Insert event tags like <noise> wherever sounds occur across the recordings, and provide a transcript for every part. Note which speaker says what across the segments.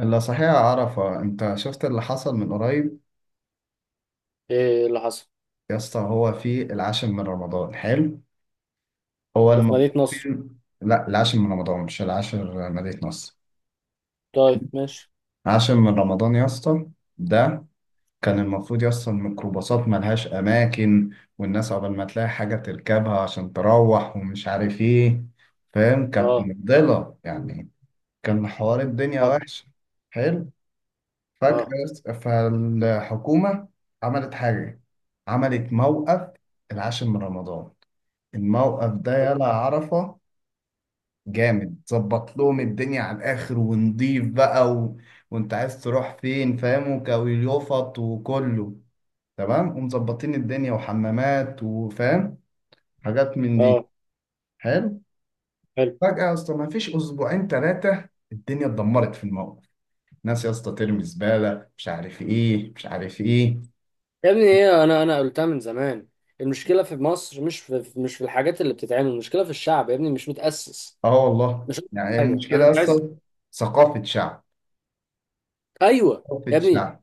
Speaker 1: اللي صحيح عرفة، انت شفت اللي حصل من قريب؟
Speaker 2: ايه اللي حصل؟
Speaker 1: يا اسطى، هو في العاشر من رمضان، حلو. هو
Speaker 2: ده في
Speaker 1: المفروض
Speaker 2: مدينة نصر.
Speaker 1: في، لا العاشر من رمضان مش العاشر مدينة نصر.
Speaker 2: طيب ماشي.
Speaker 1: العاشر من رمضان يا اسطى ده، كان المفروض يا اسطى الميكروباصات ملهاش أماكن، والناس عقبال ما تلاقي حاجة تركبها عشان تروح ومش عارف ايه. فاهم؟ كانت
Speaker 2: اه
Speaker 1: مفضلة يعني، كان حوار الدنيا
Speaker 2: اه
Speaker 1: وحش. حلو. فجأة
Speaker 2: اه
Speaker 1: فالحكومة عملت حاجة، عملت موقف العاشر من رمضان. الموقف ده يلا عرفة جامد، ظبط لهم الدنيا على الآخر، ونضيف بقى وانت عايز تروح فين، فاهم، وكويليوفط وكله تمام، ومظبطين الدنيا وحمامات وفاهم، حاجات من دي.
Speaker 2: اه.
Speaker 1: حلو.
Speaker 2: حلو.
Speaker 1: فجأة يا اسطى، ما فيش أسبوعين ثلاثة الدنيا اتدمرت في الموقف. ناس يا اسطى ترمي زبالة، مش عارف ايه مش عارف ايه.
Speaker 2: يا ابني ايه، انا قلتها من زمان. المشكلة في مصر مش في الحاجات اللي بتتعمل، المشكلة في الشعب يا ابني، مش متأسس.
Speaker 1: اه والله،
Speaker 2: مش قلت
Speaker 1: يعني هي
Speaker 2: حاجة، انا
Speaker 1: المشكله
Speaker 2: مش عايز.
Speaker 1: اصلا ثقافه شعب.
Speaker 2: ايوه يا
Speaker 1: ثقافه
Speaker 2: ابني،
Speaker 1: شعب.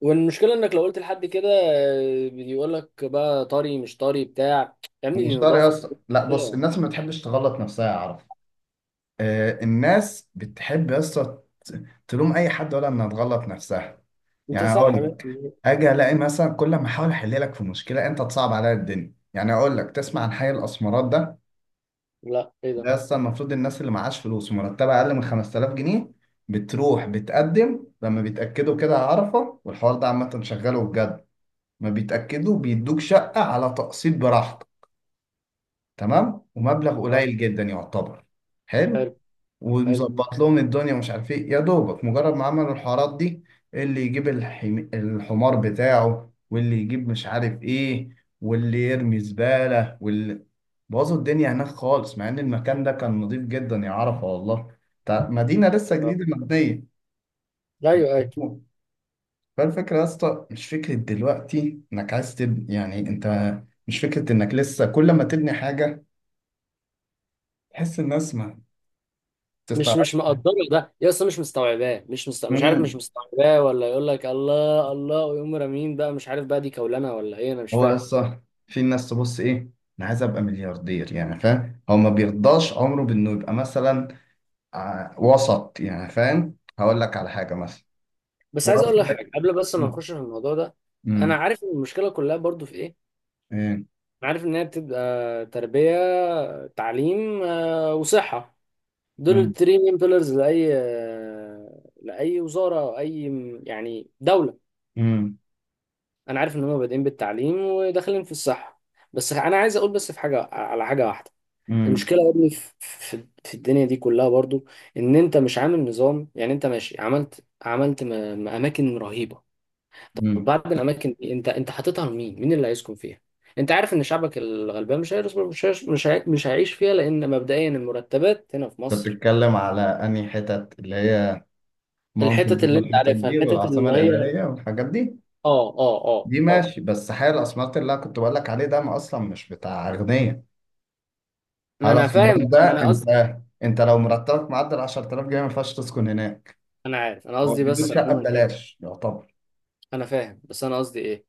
Speaker 2: والمشكلة انك لو قلت لحد كده آه، بيقول لك بقى طري مش طري بتاع. يا ابني دي
Speaker 1: المشتري يا
Speaker 2: نظافة.
Speaker 1: اسطى، لا بص،
Speaker 2: إيه؟
Speaker 1: الناس ما بتحبش تغلط نفسها يا عرف. آه، الناس بتحب يا اسطى تلوم اي حد ولا انها تغلط نفسها.
Speaker 2: انت
Speaker 1: يعني اقول
Speaker 2: صح يا
Speaker 1: لك،
Speaker 2: ابني.
Speaker 1: اجي الاقي مثلا كل ما احاول احل لك في مشكله انت تصعب عليا الدنيا. يعني اقول لك، تسمع عن حي الاسمرات ده؟
Speaker 2: لا ايه
Speaker 1: ده
Speaker 2: ده؟
Speaker 1: يا اسطى المفروض الناس اللي معاش فلوس مرتبه اقل من 5000 جنيه بتروح بتقدم، لما بيتاكدوا كده على عرفه، والحوار ده عامه شغاله بجد. ما بيتأكدوا بيدوك شقة على تقسيط براحتك، تمام، ومبلغ
Speaker 2: اه
Speaker 1: قليل جدا يعتبر. حلو.
Speaker 2: حلو. حلو.
Speaker 1: ومظبط لهم الدنيا ومش عارف ايه. يا دوبك مجرد ما عملوا الحوارات دي، اللي يجيب الحمار بتاعه، واللي يجيب مش عارف ايه، واللي يرمي زبالة، واللي بوظوا الدنيا هناك خالص. مع ان المكان ده كان نظيف جدا يا عرفة والله، مدينة لسه
Speaker 2: اه
Speaker 1: جديدة مبنية.
Speaker 2: ايوه ايوه.
Speaker 1: فالفكرة يا اسطى مش فكرة دلوقتي انك عايز تبني، يعني انت مش فكرة انك لسه كل ما تبني حاجة تحس الناس ما
Speaker 2: مش
Speaker 1: تستعرض.
Speaker 2: مش مقدره ده يا اسطى، مش مستوعباه، مش عارف، مش
Speaker 1: امم
Speaker 2: مستوعباه، ولا يقول لك الله الله، ويقوم رامين بقى، مش عارف بقى دي كولنا ولا ايه، انا مش
Speaker 1: هو يا
Speaker 2: فاهم.
Speaker 1: اسطى في ناس تبص ايه، انا عايز ابقى ملياردير، يعني فاهم؟ هو ما بيرضاش عمره بانه يبقى مثلا وسط. يعني فاهم؟ هقول لك على حاجة مثلا،
Speaker 2: بس
Speaker 1: هو
Speaker 2: عايز اقول لك
Speaker 1: اصلا
Speaker 2: حاجه قبل بس ما نخش في الموضوع ده. انا
Speaker 1: امم
Speaker 2: عارف إن المشكله كلها برضو في ايه.
Speaker 1: ايه؟
Speaker 2: انا عارف ان هي بتبقى تربيه، تعليم آه، وصحه. دول
Speaker 1: امم
Speaker 2: التري مين بيلرز لاي آه، لاي وزاره او اي يعني دوله.
Speaker 1: امم
Speaker 2: انا عارف ان هم بادئين بالتعليم وداخلين في الصحه. بس انا عايز اقول بس في حاجه على حاجه واحده.
Speaker 1: امم
Speaker 2: المشكلة يا ابني في الدنيا دي كلها برضو، ان انت مش عامل نظام. يعني انت ماشي عملت اماكن رهيبة. طب
Speaker 1: امم
Speaker 2: بعد الاماكن دي انت انت حاططها لمين؟ مين اللي هيسكن فيها؟ انت عارف ان شعبك الغلبان مش هيرس- مش هيش- مش هي- مش هيعيش فيها، لان مبدئيا المرتبات هنا في
Speaker 1: انت
Speaker 2: مصر.
Speaker 1: بتتكلم على انهي حتت، اللي هي ماونتن
Speaker 2: الحتت
Speaker 1: فيو
Speaker 2: اللي انت
Speaker 1: والحتت
Speaker 2: عارفها،
Speaker 1: دي
Speaker 2: الحتت
Speaker 1: والعاصمة
Speaker 2: اللي هي
Speaker 1: الإدارية والحاجات دي؟
Speaker 2: اه اه اه
Speaker 1: دي
Speaker 2: اه.
Speaker 1: ماشي، بس حي الاسمرات اللي انا كنت بقول لك عليه ده، ما اصلا مش بتاع اغنياء. حي
Speaker 2: ما انا فاهم،
Speaker 1: الاسمرات
Speaker 2: ما
Speaker 1: ده،
Speaker 2: انا قصدي.
Speaker 1: انت انت لو مرتبك معدل 10000 جنيه، ما ينفعش تسكن هناك.
Speaker 2: انا عارف، انا
Speaker 1: هو
Speaker 2: قصدي،
Speaker 1: بيدوك
Speaker 2: بس
Speaker 1: شقه
Speaker 2: عموما ايه.
Speaker 1: ببلاش يعتبر.
Speaker 2: انا فاهم بس انا قصدي ايه.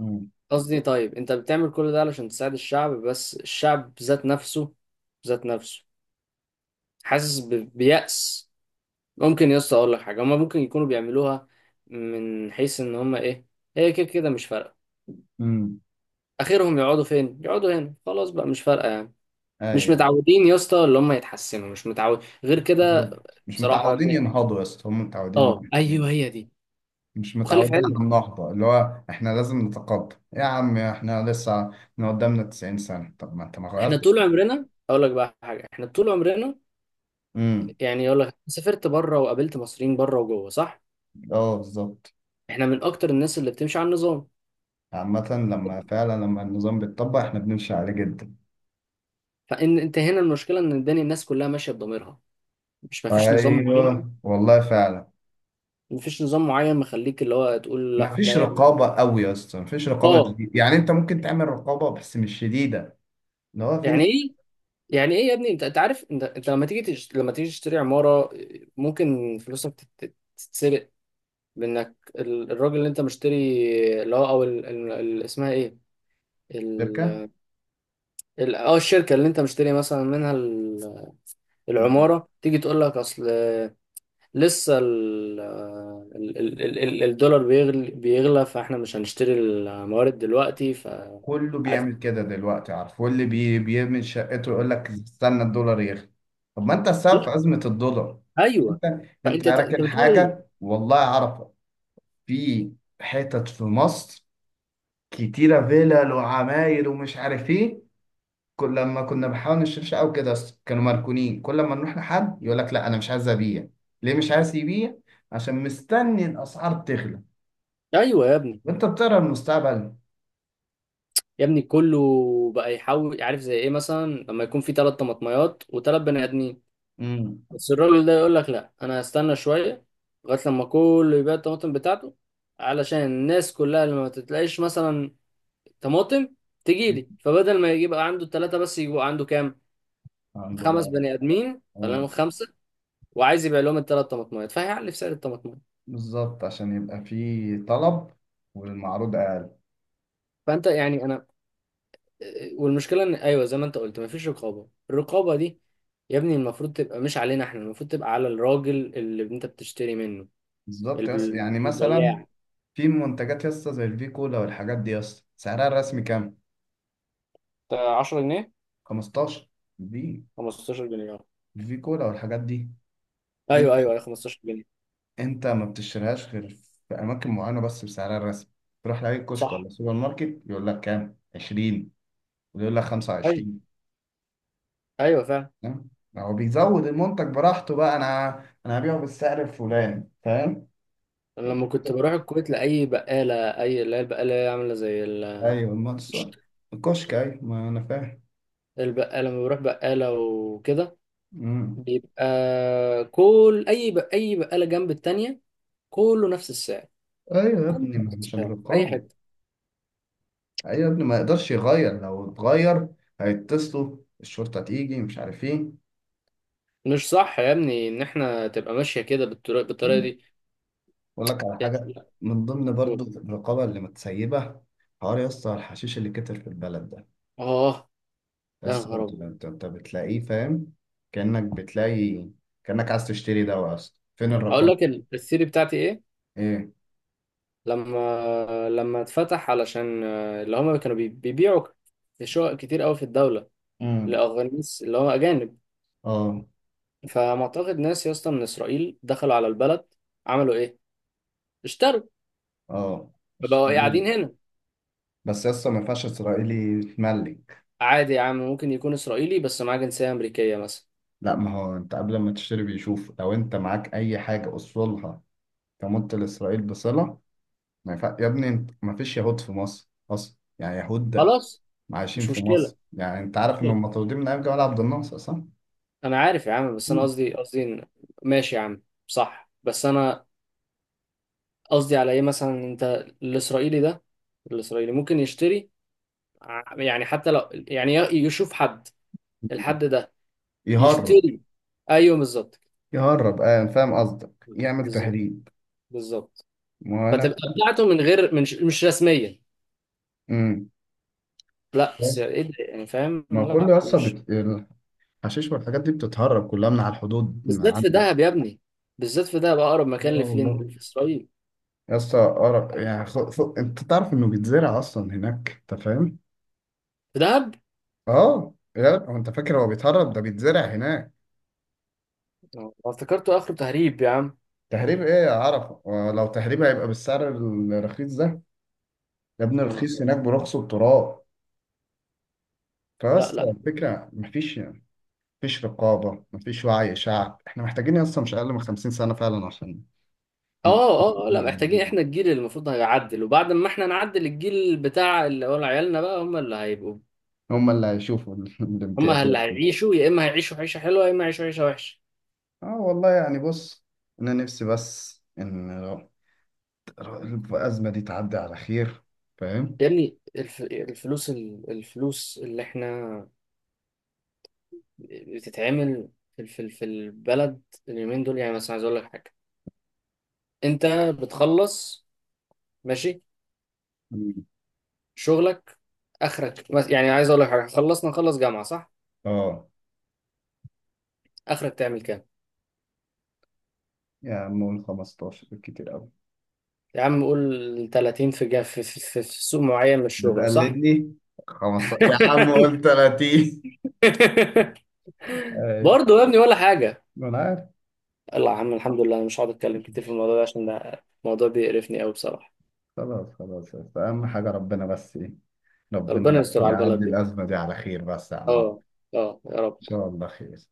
Speaker 1: امم
Speaker 2: قصدي طيب انت بتعمل كل ده علشان تساعد الشعب، بس الشعب ذات نفسه، ذات نفسه حاسس بيأس. ممكن يا اسطى اقول لك حاجه، هما ممكن يكونوا بيعملوها من حيث ان هما ايه، هي كده كده مش فارقه.
Speaker 1: امم
Speaker 2: اخرهم يقعدوا فين؟ يقعدوا هنا خلاص بقى، مش فارقه يعني. مش
Speaker 1: ايوه،
Speaker 2: متعودين يا اسطى اللي هما يتحسنوا، مش متعود غير كده.
Speaker 1: بالظبط مش
Speaker 2: بصراحه
Speaker 1: متعودين
Speaker 2: ده-
Speaker 1: ينهضوا يا اسطى، هم
Speaker 2: اه
Speaker 1: متعودين
Speaker 2: ايوه هي دي.
Speaker 1: مش
Speaker 2: وخلي في
Speaker 1: متعودين على
Speaker 2: علمك،
Speaker 1: النهضه. اللي هو احنا لازم نتقدم يا عم، احنا لسه إحنا قدامنا 90 سنه، طب ما انت ما
Speaker 2: احنا
Speaker 1: غيرت.
Speaker 2: طول عمرنا، اقول لك بقى حاجه، احنا طول عمرنا،
Speaker 1: امم
Speaker 2: يعني اقول لك، سافرت بره وقابلت مصريين بره وجوه، صح؟
Speaker 1: اه بالظبط،
Speaker 2: احنا من اكتر الناس اللي بتمشي على النظام.
Speaker 1: عامة لما فعلا لما النظام بيتطبق، احنا بنمشي عليه جدا.
Speaker 2: فان انت هنا المشكله ان الدنيا، الناس كلها ماشيه بضميرها، مش مفيش نظام معين.
Speaker 1: ايوه والله فعلا،
Speaker 2: مفيش نظام معين مخليك اللي هو تقول
Speaker 1: ما
Speaker 2: لا ده
Speaker 1: فيش
Speaker 2: يعني.
Speaker 1: رقابه قوي يا اسطى، ما فيش رقابه
Speaker 2: اه.
Speaker 1: دي. يعني انت ممكن تعمل رقابه بس مش شديده. اللي هو في ناس،
Speaker 2: يعني ايه؟ يعني ايه يا ابني؟ انت عارف، انت لما تيجي لما تيجي تشتري عماره، ممكن فلوسك تتسرق. بانك الراجل اللي انت مشتري اللي هو، او اسمها ايه،
Speaker 1: شركه.
Speaker 2: ال... اه الشركه اللي انت مشتري مثلا منها، العماره، تيجي تقول لك اصل لسه الدولار بيغلى بيغلى، فاحنا مش هنشتري الموارد دلوقتي ف
Speaker 1: كله بيعمل
Speaker 2: عايز-
Speaker 1: كده دلوقتي، عارف؟ واللي بي بيعمل شقته يقول لك استنى الدولار يغلى. طب ما انت السبب
Speaker 2: لا.
Speaker 1: في ازمه الدولار.
Speaker 2: ايوه.
Speaker 1: انت، انت
Speaker 2: فانت انت
Speaker 1: راكن
Speaker 2: بتقول ايه؟
Speaker 1: حاجه والله عارفه. في حتت في مصر كتيره، فيلل وعماير ومش عارف ايه، كل لما كنا بنحاول نشتريش او كده، أصل كانوا مركونين. كل لما نروح لحد يقول لك لا انا مش عايز ابيع. ليه مش عايز يبيع؟ عشان مستني الاسعار تغلى،
Speaker 2: ايوه يا ابني.
Speaker 1: وانت بتقرا المستقبل.
Speaker 2: يا ابني كله بقى يحاول، عارف زي ايه؟ مثلا لما يكون في ثلاث طماطميات وثلاث بني ادمين،
Speaker 1: امم
Speaker 2: بس الراجل ده يقول لك لا انا هستنى شويه، لغايه لما كله يبيع الطماطم بتاعته. علشان الناس كلها اللي ما تتلاقيش مثلا طماطم تجيلي، فبدل ما يبقى عنده ثلاثه بس، يبقى عنده كام؟
Speaker 1: عنده
Speaker 2: خمس
Speaker 1: بقى.
Speaker 2: بني ادمين، خلينا
Speaker 1: اه
Speaker 2: نقول خمسه، وعايز يبيع لهم الثلاث طماطمات، فهيعلي في سعر الطماطمات.
Speaker 1: بالظبط، عشان يبقى في طلب والمعروض اقل.
Speaker 2: فانت يعني انا، والمشكله ان، ايوه زي ما انت قلت، مفيش رقابه. الرقابه دي يا ابني المفروض تبقى مش علينا احنا، المفروض تبقى على الراجل اللي انت بتشتري منه،
Speaker 1: بالظبط.
Speaker 2: الب-
Speaker 1: يس يعني مثلا،
Speaker 2: البياع.
Speaker 1: في منتجات يسطا زي الفي كولا والحاجات دي، يسطا سعرها الرسمي كام؟
Speaker 2: أنت 10 جنيه.
Speaker 1: 15. دي
Speaker 2: 15 جنيه، اه.
Speaker 1: الفي كولا والحاجات دي،
Speaker 2: ايوه
Speaker 1: انت
Speaker 2: ايوه ايوه، 15 جنيه.
Speaker 1: انت ما بتشتريهاش غير في اماكن معينه بس بسعرها الرسمي. تروح لاي كشك
Speaker 2: صح.
Speaker 1: ولا سوبر ماركت يقول لك كام، 20، ويقول لك
Speaker 2: ايوه
Speaker 1: 25.
Speaker 2: ايوه فعلا.
Speaker 1: فاهم؟ هو بيزود المنتج براحته. بقى انا، انا هبيعه بالسعر الفلاني، فاهم؟
Speaker 2: انا لما كنت بروح الكويت، لاي بقاله، اي اللي هي البقاله اللي هي عامله زي
Speaker 1: ايوه، ما الصور، الكشك، ايوه ما انا فاهم.
Speaker 2: البقاله، لما بروح بقاله وكده،
Speaker 1: مم.
Speaker 2: بيبقى كل اي بقاله جنب التانية، كله نفس السعر.
Speaker 1: ايوه يا
Speaker 2: كله
Speaker 1: ابني، ما
Speaker 2: نفس
Speaker 1: مش
Speaker 2: السعر في اي
Speaker 1: الرقابه.
Speaker 2: حته.
Speaker 1: ايوه يا ابني، ما يقدرش يغير، لو اتغير هيتصلوا الشرطه تيجي مش عارف ايه.
Speaker 2: مش صح يا ابني ان احنا تبقى ماشيه كده بالطريقه دي.
Speaker 1: اقول لك على
Speaker 2: <laughs>
Speaker 1: حاجه،
Speaker 2: لا.
Speaker 1: من ضمن برضو
Speaker 2: قول.
Speaker 1: الرقابه اللي متسيبه، حوار يا اسطى الحشيش اللي كتر في البلد ده.
Speaker 2: اه.
Speaker 1: يا
Speaker 2: يا
Speaker 1: اسطى
Speaker 2: نهار
Speaker 1: انت
Speaker 2: ابيض.
Speaker 1: انت أنت بتلاقيه، فاهم؟ كانك بتلاقي، كانك عايز تشتري دواء. اصلا فين
Speaker 2: اقول
Speaker 1: الرقابه؟
Speaker 2: لك الثيري بتاعتي ايه،
Speaker 1: ايه؟
Speaker 2: لما لما اتفتح علشان آه، اللي هم كانوا بيبيعوا شقق كتير قوي في الدوله،
Speaker 1: امم
Speaker 2: لاغانيس اللي هم اجانب.
Speaker 1: اه.
Speaker 2: فمعتقد ناس يا اسطى من اسرائيل دخلوا على البلد، عملوا ايه؟ اشتروا،
Speaker 1: اه،
Speaker 2: فبقوا
Speaker 1: اشتري.
Speaker 2: قاعدين هنا.
Speaker 1: بس يا اسطى، ما ينفعش اسرائيلي يتملك.
Speaker 2: عادي يا عم، ممكن يكون اسرائيلي بس معاه جنسية امريكية مثلا.
Speaker 1: لا، ما هو انت قبل ما تشتري بيشوف لو انت معاك اي حاجه اصولها تمت لاسرائيل بصله ما ينفع يا ابني. انت ما فيش يهود في مصر اصلا، يعني يهود
Speaker 2: خلاص.
Speaker 1: عايشين
Speaker 2: مش
Speaker 1: في
Speaker 2: مشكلة،
Speaker 1: مصر. يعني انت
Speaker 2: مش
Speaker 1: عارف
Speaker 2: مشكلة،
Speaker 1: انهم مطرودين من ايام جمال عبد الناصر، صح؟
Speaker 2: انا عارف يا عم، بس انا
Speaker 1: مم.
Speaker 2: قصدي إن، ماشي يا عم، صح، بس انا قصدي على ايه، مثلا انت الاسرائيلي ده، الاسرائيلي ممكن يشتري، يعني حتى لو يعني يشوف حد، الحد ده
Speaker 1: يهرب.
Speaker 2: يشتري. ايوه بالظبط.
Speaker 1: يهرب، اه فاهم قصدك، يعمل
Speaker 2: بالظبط
Speaker 1: تهريب.
Speaker 2: بالظبط.
Speaker 1: ما انا
Speaker 2: فتبقى بتاعته من غير، من مش رسميا.
Speaker 1: امم
Speaker 2: لا بس
Speaker 1: بس،
Speaker 2: ايه ده يعني، فاهم،
Speaker 1: ما كل
Speaker 2: لا
Speaker 1: يسطا
Speaker 2: مش.
Speaker 1: الحشيش والحاجات دي بتتهرب كلها من على الحدود من
Speaker 2: بالذات في
Speaker 1: عندك.
Speaker 2: دهب يا ابني، بالذات في دهب، اقرب
Speaker 1: اه
Speaker 2: مكان
Speaker 1: والله،
Speaker 2: لفين في اسرائيل.
Speaker 1: يسطا قرف يعني. انت تعرف انه بيتزرع اصلا هناك، انت فاهم؟
Speaker 2: في دهب.
Speaker 1: اه، يا هو انت فاكر هو بيتهرب؟ ده بيتزرع هناك.
Speaker 2: آه، افتكرته اخر تهريب يا عم.
Speaker 1: تهريب ايه يا عرفه؟ ولو تهريب، هيبقى بالسعر الرخيص ده يا ابني؟
Speaker 2: يا نهار
Speaker 1: رخيص
Speaker 2: أبيض.
Speaker 1: هناك برخص التراب.
Speaker 2: لا
Speaker 1: فاصلا
Speaker 2: لا.
Speaker 1: الفكره مفيش، مفيش رقابه، مفيش وعي شعب. احنا محتاجين اصلا مش اقل من 50 سنه فعلا عشان نتفق
Speaker 2: اه اه. آه، لا،
Speaker 1: على
Speaker 2: محتاجين احنا الجيل اللي المفروض هيعدل، وبعد ما احنا نعدل، الجيل بتاع اللي هو عيالنا بقى هم اللي هيبقوا،
Speaker 1: هم اللي هيشوفوا <laughs>
Speaker 2: هم
Speaker 1: الامتيازات
Speaker 2: اللي
Speaker 1: دي.
Speaker 2: هيعيشوا، يا اما هيعيشوا عيشه حلوه، يا اما هيعيشوا عيشه وحشه.
Speaker 1: اه والله، يعني بص، انا نفسي بس ان الازمه دي تعدي على خير، فاهم؟
Speaker 2: يا ابني الفلوس الفلوس اللي احنا بتتعمل في البلد اليومين دول، يعني مثلا عايز اقول لك حاجه، انت بتخلص ماشي
Speaker 1: مم.
Speaker 2: شغلك، اخرك، بس يعني عايز اقول لك حاجه، خلصنا نخلص جامعه، صح؟
Speaker 1: اه.
Speaker 2: اخرك تعمل كام؟
Speaker 1: يا عم قول 15 بالكتير قوي.
Speaker 2: يا عم قول 30، في جا في سوق معين من الشغل، صح؟
Speaker 1: بتقلدني. 15 يا عم،
Speaker 2: <laughs>
Speaker 1: قول 30. اي،
Speaker 2: برضه يا ابني ولا حاجه.
Speaker 1: ما انا عارف.
Speaker 2: الله يا عم، الحمد لله، انا مش هقعد اتكلم كتير في الموضوع ده عشان ده الموضوع بيقرفني قوي بصراحه.
Speaker 1: خلاص خلاص، بس اهم حاجه ربنا بس ايه،
Speaker 2: ربنا
Speaker 1: ربنا
Speaker 2: يستر على البلد
Speaker 1: يعدي
Speaker 2: دي.
Speaker 1: الأزمة دي على خير بس يا عم عمرو.
Speaker 2: اه. اه يا رب.
Speaker 1: إن شاء الله خير.